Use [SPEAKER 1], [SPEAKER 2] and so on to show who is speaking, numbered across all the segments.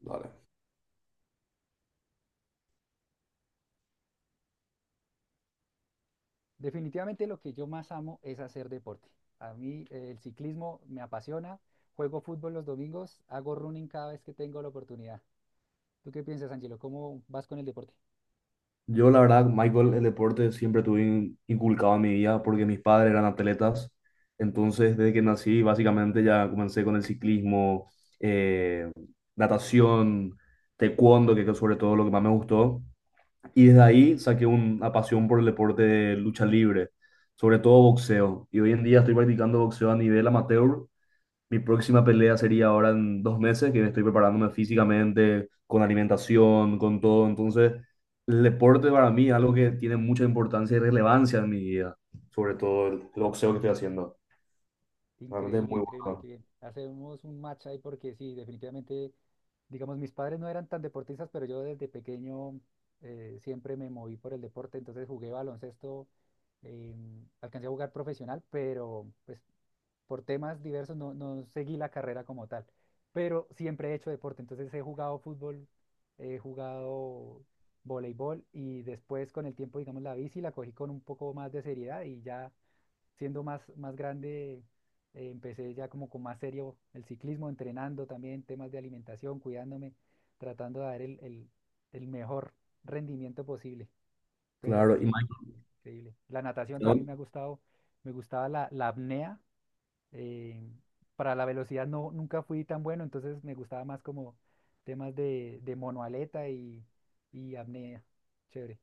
[SPEAKER 1] Dale.
[SPEAKER 2] Definitivamente lo que yo más amo es hacer deporte. A mí el ciclismo me apasiona, juego fútbol los domingos, hago running cada vez que tengo la oportunidad. ¿Tú qué piensas, Angelo? ¿Cómo vas con el deporte?
[SPEAKER 1] Yo, la verdad, Michael, el deporte siempre tuve inculcado en mi vida porque mis padres eran atletas. Entonces, desde que nací, básicamente ya comencé con el ciclismo, eh, natación, taekwondo, que es sobre todo lo que más me gustó. Y desde ahí saqué una pasión por el deporte de lucha libre, sobre todo boxeo. Y hoy en día estoy practicando boxeo a nivel amateur. Mi próxima pelea sería ahora en 2 meses, que estoy preparándome físicamente, con alimentación, con todo. Entonces, el deporte para mí es algo que tiene mucha importancia y relevancia en mi vida, sobre todo el boxeo que estoy haciendo. Realmente es
[SPEAKER 2] Increíble,
[SPEAKER 1] muy
[SPEAKER 2] increíble,
[SPEAKER 1] bueno.
[SPEAKER 2] qué bien. Hacemos un match ahí porque sí, definitivamente, digamos, mis padres no eran tan deportistas, pero yo desde pequeño siempre me moví por el deporte, entonces jugué baloncesto, alcancé a jugar profesional, pero pues por temas diversos no seguí la carrera como tal, pero siempre he hecho deporte, entonces he jugado fútbol, he jugado voleibol y después con el tiempo, digamos, la bici la cogí con un poco más de seriedad y ya siendo más grande empecé ya como con más serio el ciclismo, entrenando también temas de alimentación, cuidándome, tratando de dar el mejor rendimiento posible, pero
[SPEAKER 1] Claro, y
[SPEAKER 2] sí,
[SPEAKER 1] Michael,
[SPEAKER 2] increíble. La natación
[SPEAKER 1] te hago-
[SPEAKER 2] también me ha gustado, me gustaba la apnea eh, para la velocidad nunca fui tan bueno, entonces me gustaba más como temas de monoaleta y apnea. Chévere.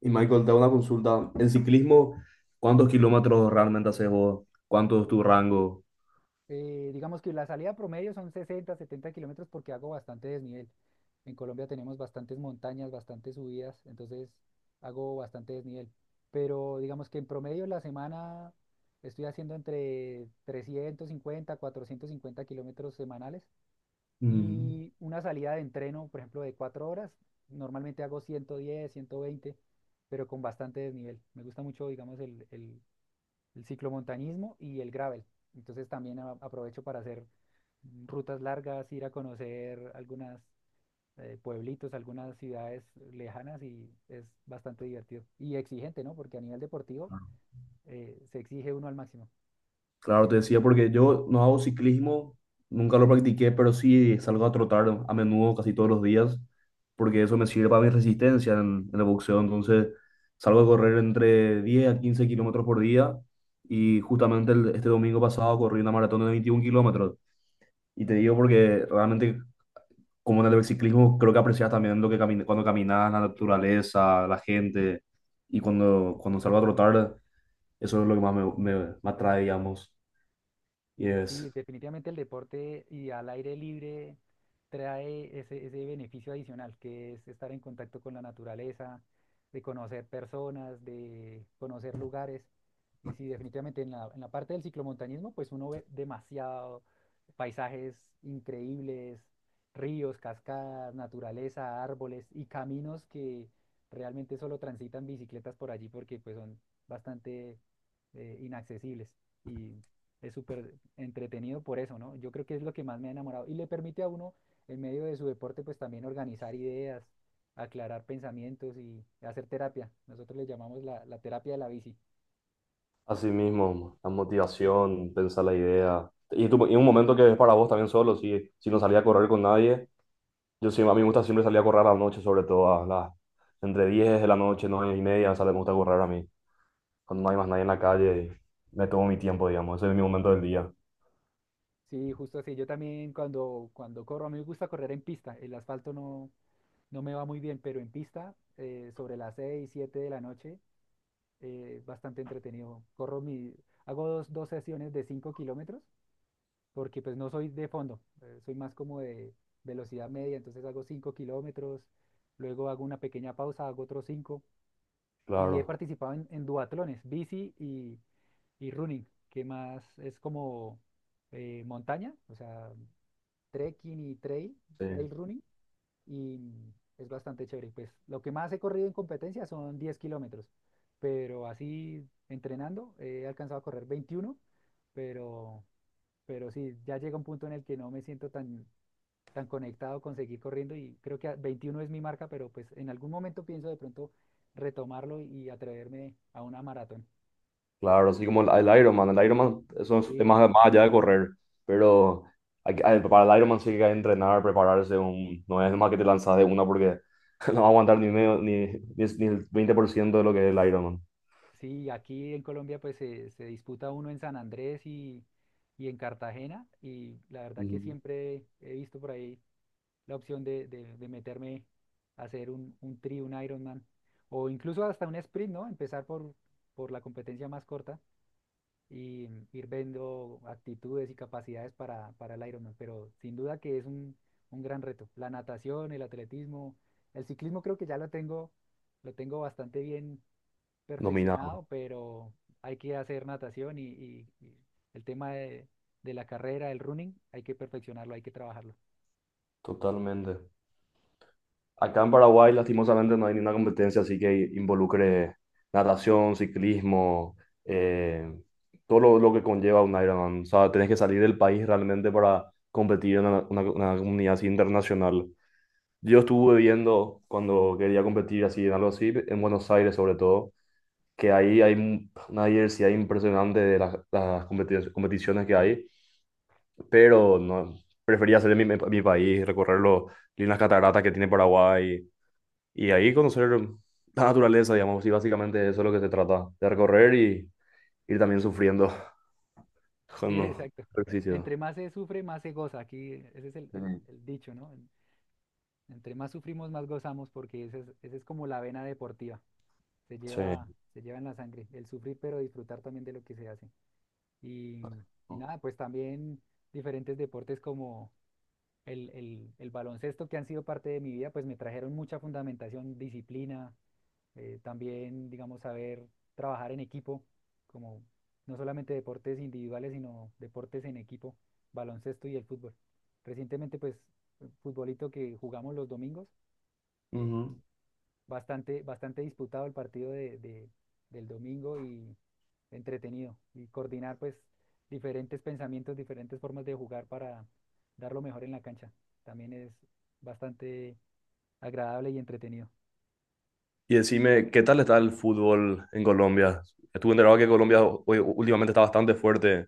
[SPEAKER 1] y Michael, te hago una consulta. En ciclismo, ¿cuántos kilómetros realmente haces vos? ¿Cuánto es tu rango?
[SPEAKER 2] Digamos que la salida promedio son 60, 70 kilómetros porque hago bastante desnivel. En Colombia tenemos bastantes montañas, bastantes subidas, entonces hago bastante desnivel. Pero digamos que en promedio la semana estoy haciendo entre 350, 450 kilómetros semanales
[SPEAKER 1] Mm.
[SPEAKER 2] y una salida de entreno, por ejemplo, de 4 horas, normalmente hago 110 120 pero con bastante desnivel. Me gusta mucho, digamos, el ciclomontañismo y el gravel. Entonces también aprovecho para hacer rutas largas, ir a conocer algunas pueblitos, algunas ciudades lejanas y es bastante divertido y exigente, ¿no? Porque a nivel deportivo se exige uno al máximo.
[SPEAKER 1] Claro, te decía, porque yo no hago ciclismo, nunca lo practiqué, pero sí salgo a trotar a menudo, casi todos los días, porque eso me sirve para mi resistencia en el boxeo. Entonces, salgo a correr entre 10 a 15 kilómetros por día y justamente este domingo pasado corrí una maratón de 21 kilómetros. Y te digo porque realmente, como en el ciclismo, creo que aprecias también lo que camina, cuando caminas, la naturaleza, la gente, y cuando, cuando salgo a trotar, eso es lo que más me atrae, digamos, y
[SPEAKER 2] Sí,
[SPEAKER 1] es.
[SPEAKER 2] definitivamente el deporte y al aire libre trae ese beneficio adicional, que es estar en contacto con la naturaleza, de conocer personas, de conocer lugares. Y sí, definitivamente en en la parte del ciclomontañismo, pues uno ve demasiado paisajes increíbles, ríos, cascadas, naturaleza, árboles y caminos que realmente solo transitan bicicletas por allí porque pues son bastante inaccesibles. Y es súper entretenido por eso, ¿no? Yo creo que es lo que más me ha enamorado. Y le permite a uno, en medio de su deporte, pues también organizar ideas, aclarar pensamientos y hacer terapia. Nosotros le llamamos la terapia de la bici.
[SPEAKER 1] Así mismo, la motivación, pensar la idea. Y, y un momento que es para vos también solo, si no salía a correr con nadie. Yo sí, a mí me gusta siempre salir a correr a la noche, sobre todo a las, entre 10 de la noche, 9 y media, sale, me gusta correr a mí. Cuando no hay más nadie en la calle, y me tomo mi tiempo, digamos. Ese es mi momento del día.
[SPEAKER 2] Sí, justo así. Yo también cuando, cuando corro, a mí me gusta correr en pista. El asfalto no me va muy bien, pero en pista, sobre las 6 7 de la noche, bastante entretenido. Hago dos sesiones de 5 kilómetros porque pues no soy de fondo, soy más como de velocidad media, entonces hago cinco kilómetros, luego hago una pequeña pausa, hago otros 5 y he
[SPEAKER 1] Claro,
[SPEAKER 2] participado en duatlones, bici y running, que más es como montaña, o sea, trekking y trail,
[SPEAKER 1] sí.
[SPEAKER 2] trail running y es bastante chévere. Pues lo que más he corrido en competencia son 10 kilómetros, pero así entrenando he alcanzado a correr 21 pero pero sí, ya llega un punto en el que no me siento tan, tan conectado con seguir corriendo y creo que 21 es mi marca, pero pues en algún momento pienso de pronto retomarlo y atreverme a una maratón.
[SPEAKER 1] Claro, así como el Ironman. El Ironman eso es
[SPEAKER 2] Sí,
[SPEAKER 1] más, más allá de correr. Pero para el Ironman sí que hay que entrenar, prepararse. Un, no es más que te lanzas de una porque no va a aguantar ni, medio, ni, ni, ni el 20 por ciento de lo que es el Ironman.
[SPEAKER 2] sí, aquí en Colombia pues se disputa uno en San Andrés y en Cartagena y la verdad que
[SPEAKER 1] Ujú.
[SPEAKER 2] siempre he visto por ahí la opción de meterme a hacer un tri, un Ironman o incluso hasta un sprint, ¿no? Empezar por la competencia más corta. Y ir viendo actitudes y capacidades para el Ironman, pero sin duda que es un gran reto. La natación, el atletismo, el ciclismo creo que ya lo tengo bastante bien
[SPEAKER 1] Dominado.
[SPEAKER 2] perfeccionado, pero hay que hacer natación y, y el tema de la carrera, el running, hay que perfeccionarlo, hay que trabajarlo.
[SPEAKER 1] Totalmente. Acá en Paraguay, lastimosamente, no hay ninguna competencia así que involucre natación, ciclismo, eh, todo lo que conlleva un Ironman. O sea, tenés que salir del país realmente para competir en una comunidad así internacional. Yo estuve viendo cuando quería competir así en algo así, en Buenos Aires sobre todo, que ahí hay una diversidad impresionante de las, competiciones que hay, pero no, prefería hacer en mi país, recorrer las cataratas que tiene Paraguay y ahí conocer la naturaleza, digamos, y básicamente eso es lo que se trata, de recorrer y ir también sufriendo
[SPEAKER 2] Sí,
[SPEAKER 1] con
[SPEAKER 2] exacto.
[SPEAKER 1] ejercicio.
[SPEAKER 2] Entre más se sufre, más se goza. Aquí ese es
[SPEAKER 1] Mm.
[SPEAKER 2] el dicho, ¿no? Entre más sufrimos, más gozamos porque esa esa es como la vena deportiva. Se lleva,
[SPEAKER 1] Sí.
[SPEAKER 2] se lleva en la sangre, el sufrir pero disfrutar también de lo que se hace. Y, y nada, pues también diferentes deportes como el baloncesto que han sido parte de mi vida, pues me trajeron mucha fundamentación, disciplina, también, digamos, saber trabajar en equipo, como no solamente deportes individuales, sino deportes en equipo, baloncesto y el fútbol. Recientemente, pues, futbolito que jugamos los domingos. eh,
[SPEAKER 1] Ujú.
[SPEAKER 2] Bastante, bastante disputado el partido del domingo y entretenido. Y coordinar pues diferentes pensamientos, diferentes formas de jugar para dar lo mejor en la cancha. También es bastante agradable y entretenido.
[SPEAKER 1] Y decime, ¿qué tal está el fútbol en Colombia? Estuve enterado que últimamente está bastante fuerte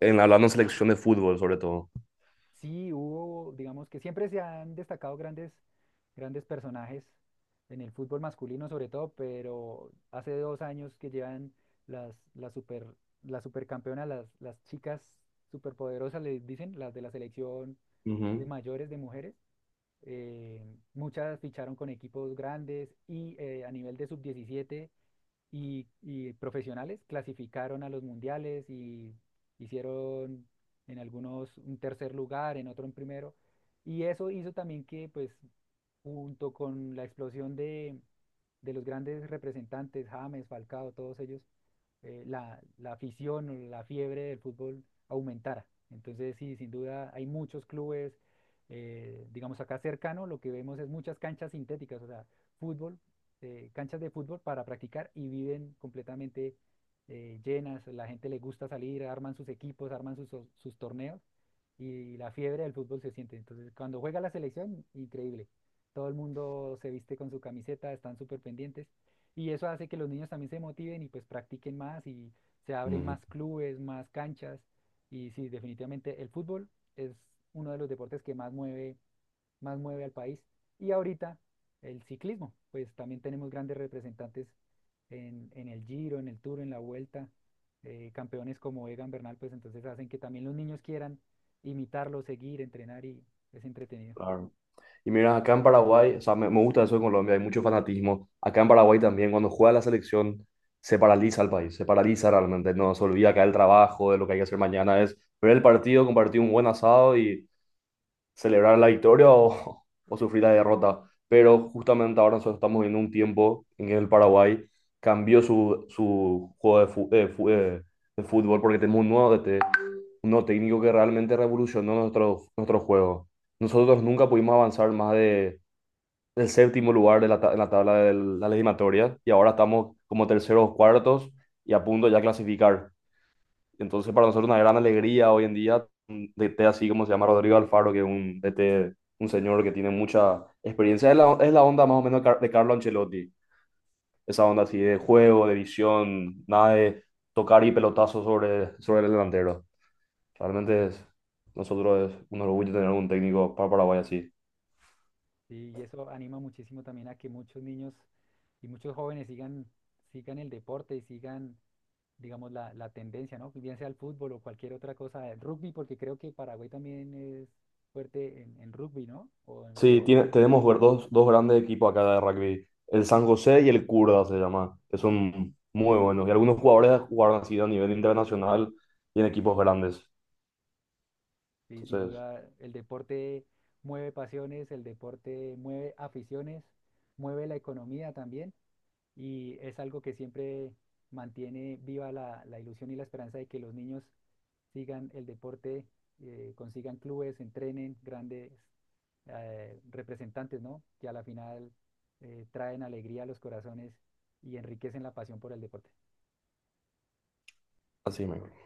[SPEAKER 1] en hablando en selección de fútbol, sobre todo.
[SPEAKER 2] Sí, hubo, digamos que siempre se han destacado grandes personajes en el fútbol masculino sobre todo, pero hace 2 años que llevan las, las super, las supercampeonas, las chicas superpoderosas, les dicen, las de la selección de
[SPEAKER 1] Ujú,
[SPEAKER 2] mayores de mujeres. eh, Muchas ficharon con equipos grandes y a nivel de sub 17 y profesionales clasificaron a los mundiales y hicieron en algunos un tercer lugar, en otro un primero. Y eso hizo también que, pues, junto con la explosión de los grandes representantes, James, Falcao, todos ellos, la afición, o la fiebre del fútbol aumentara. Entonces, sí, sin duda hay muchos clubes, digamos acá cercano, lo que vemos es muchas canchas sintéticas, o sea, fútbol canchas de fútbol para practicar y viven completamente llenas. La gente le gusta salir, arman sus equipos, arman sus torneos y la fiebre del fútbol se siente. Entonces, cuando juega la selección, increíble. Todo el mundo se viste con su camiseta, están súper pendientes y eso hace que los niños también se motiven y pues practiquen más y se abren
[SPEAKER 1] ujú,
[SPEAKER 2] más clubes, más canchas. Y sí, definitivamente el fútbol es uno de los deportes que más mueve al país. Y ahorita el ciclismo, pues también tenemos grandes representantes en el Giro, en el Tour, en la Vuelta, campeones como Egan Bernal, pues entonces hacen que también los niños quieran imitarlo, seguir, entrenar y es entretenido.
[SPEAKER 1] claro. Y mira, acá en Paraguay, o sea, me gusta eso en Colombia, hay mucho fanatismo. Acá en Paraguay también, cuando juega la selección, se paraliza el país, se paraliza realmente. No se olvida acá el trabajo, de lo que hay que hacer mañana, es ver el partido, compartir un buen asado y celebrar la victoria o, o sufrir la derrota. Pero justamente ahora nosotros estamos viendo un tiempo en que el Paraguay cambió su juego de fútbol porque tenemos un nuevo DT, un nuevo técnico que realmente revolucionó nuestro juego. Nosotros nunca pudimos avanzar del séptimo lugar de en la tabla de la legislatoria y ahora estamos como terceros o cuartos y a punto ya clasificar. Entonces, para nosotros una gran alegría hoy en día, un DT así como se llama Rodrigo Alfaro, que es un DT, un señor que tiene mucha experiencia. Es es la onda más o menos de de Carlo Ancelotti, esa onda así de juego, de visión, nada de tocar y pelotazo sobre el delantero. Realmente es, nosotros es un orgullo tener un técnico para Paraguay así.
[SPEAKER 2] Y eso anima muchísimo también a que muchos niños y muchos jóvenes sigan, sigan el deporte y sigan, digamos, la tendencia, ¿no? Bien sea el fútbol o cualquier otra cosa, el rugby, porque creo que Paraguay también es fuerte en rugby, ¿no? ¿O en…?
[SPEAKER 1] Sí, dos, dos grandes equipos acá de rugby, el San José y el Curda se llama, que son muy buenos. Y algunos jugadores jugaron así a nivel internacional y en equipos grandes.
[SPEAKER 2] Sí, sin
[SPEAKER 1] Entonces,
[SPEAKER 2] duda, el deporte mueve pasiones, el deporte mueve aficiones, mueve la economía también y es algo que siempre mantiene viva la ilusión y la esperanza de que los niños sigan el deporte, consigan clubes, entrenen grandes representantes, ¿no? Que a la final traen alegría a los corazones y enriquecen la pasión por el deporte.
[SPEAKER 1] así mismo.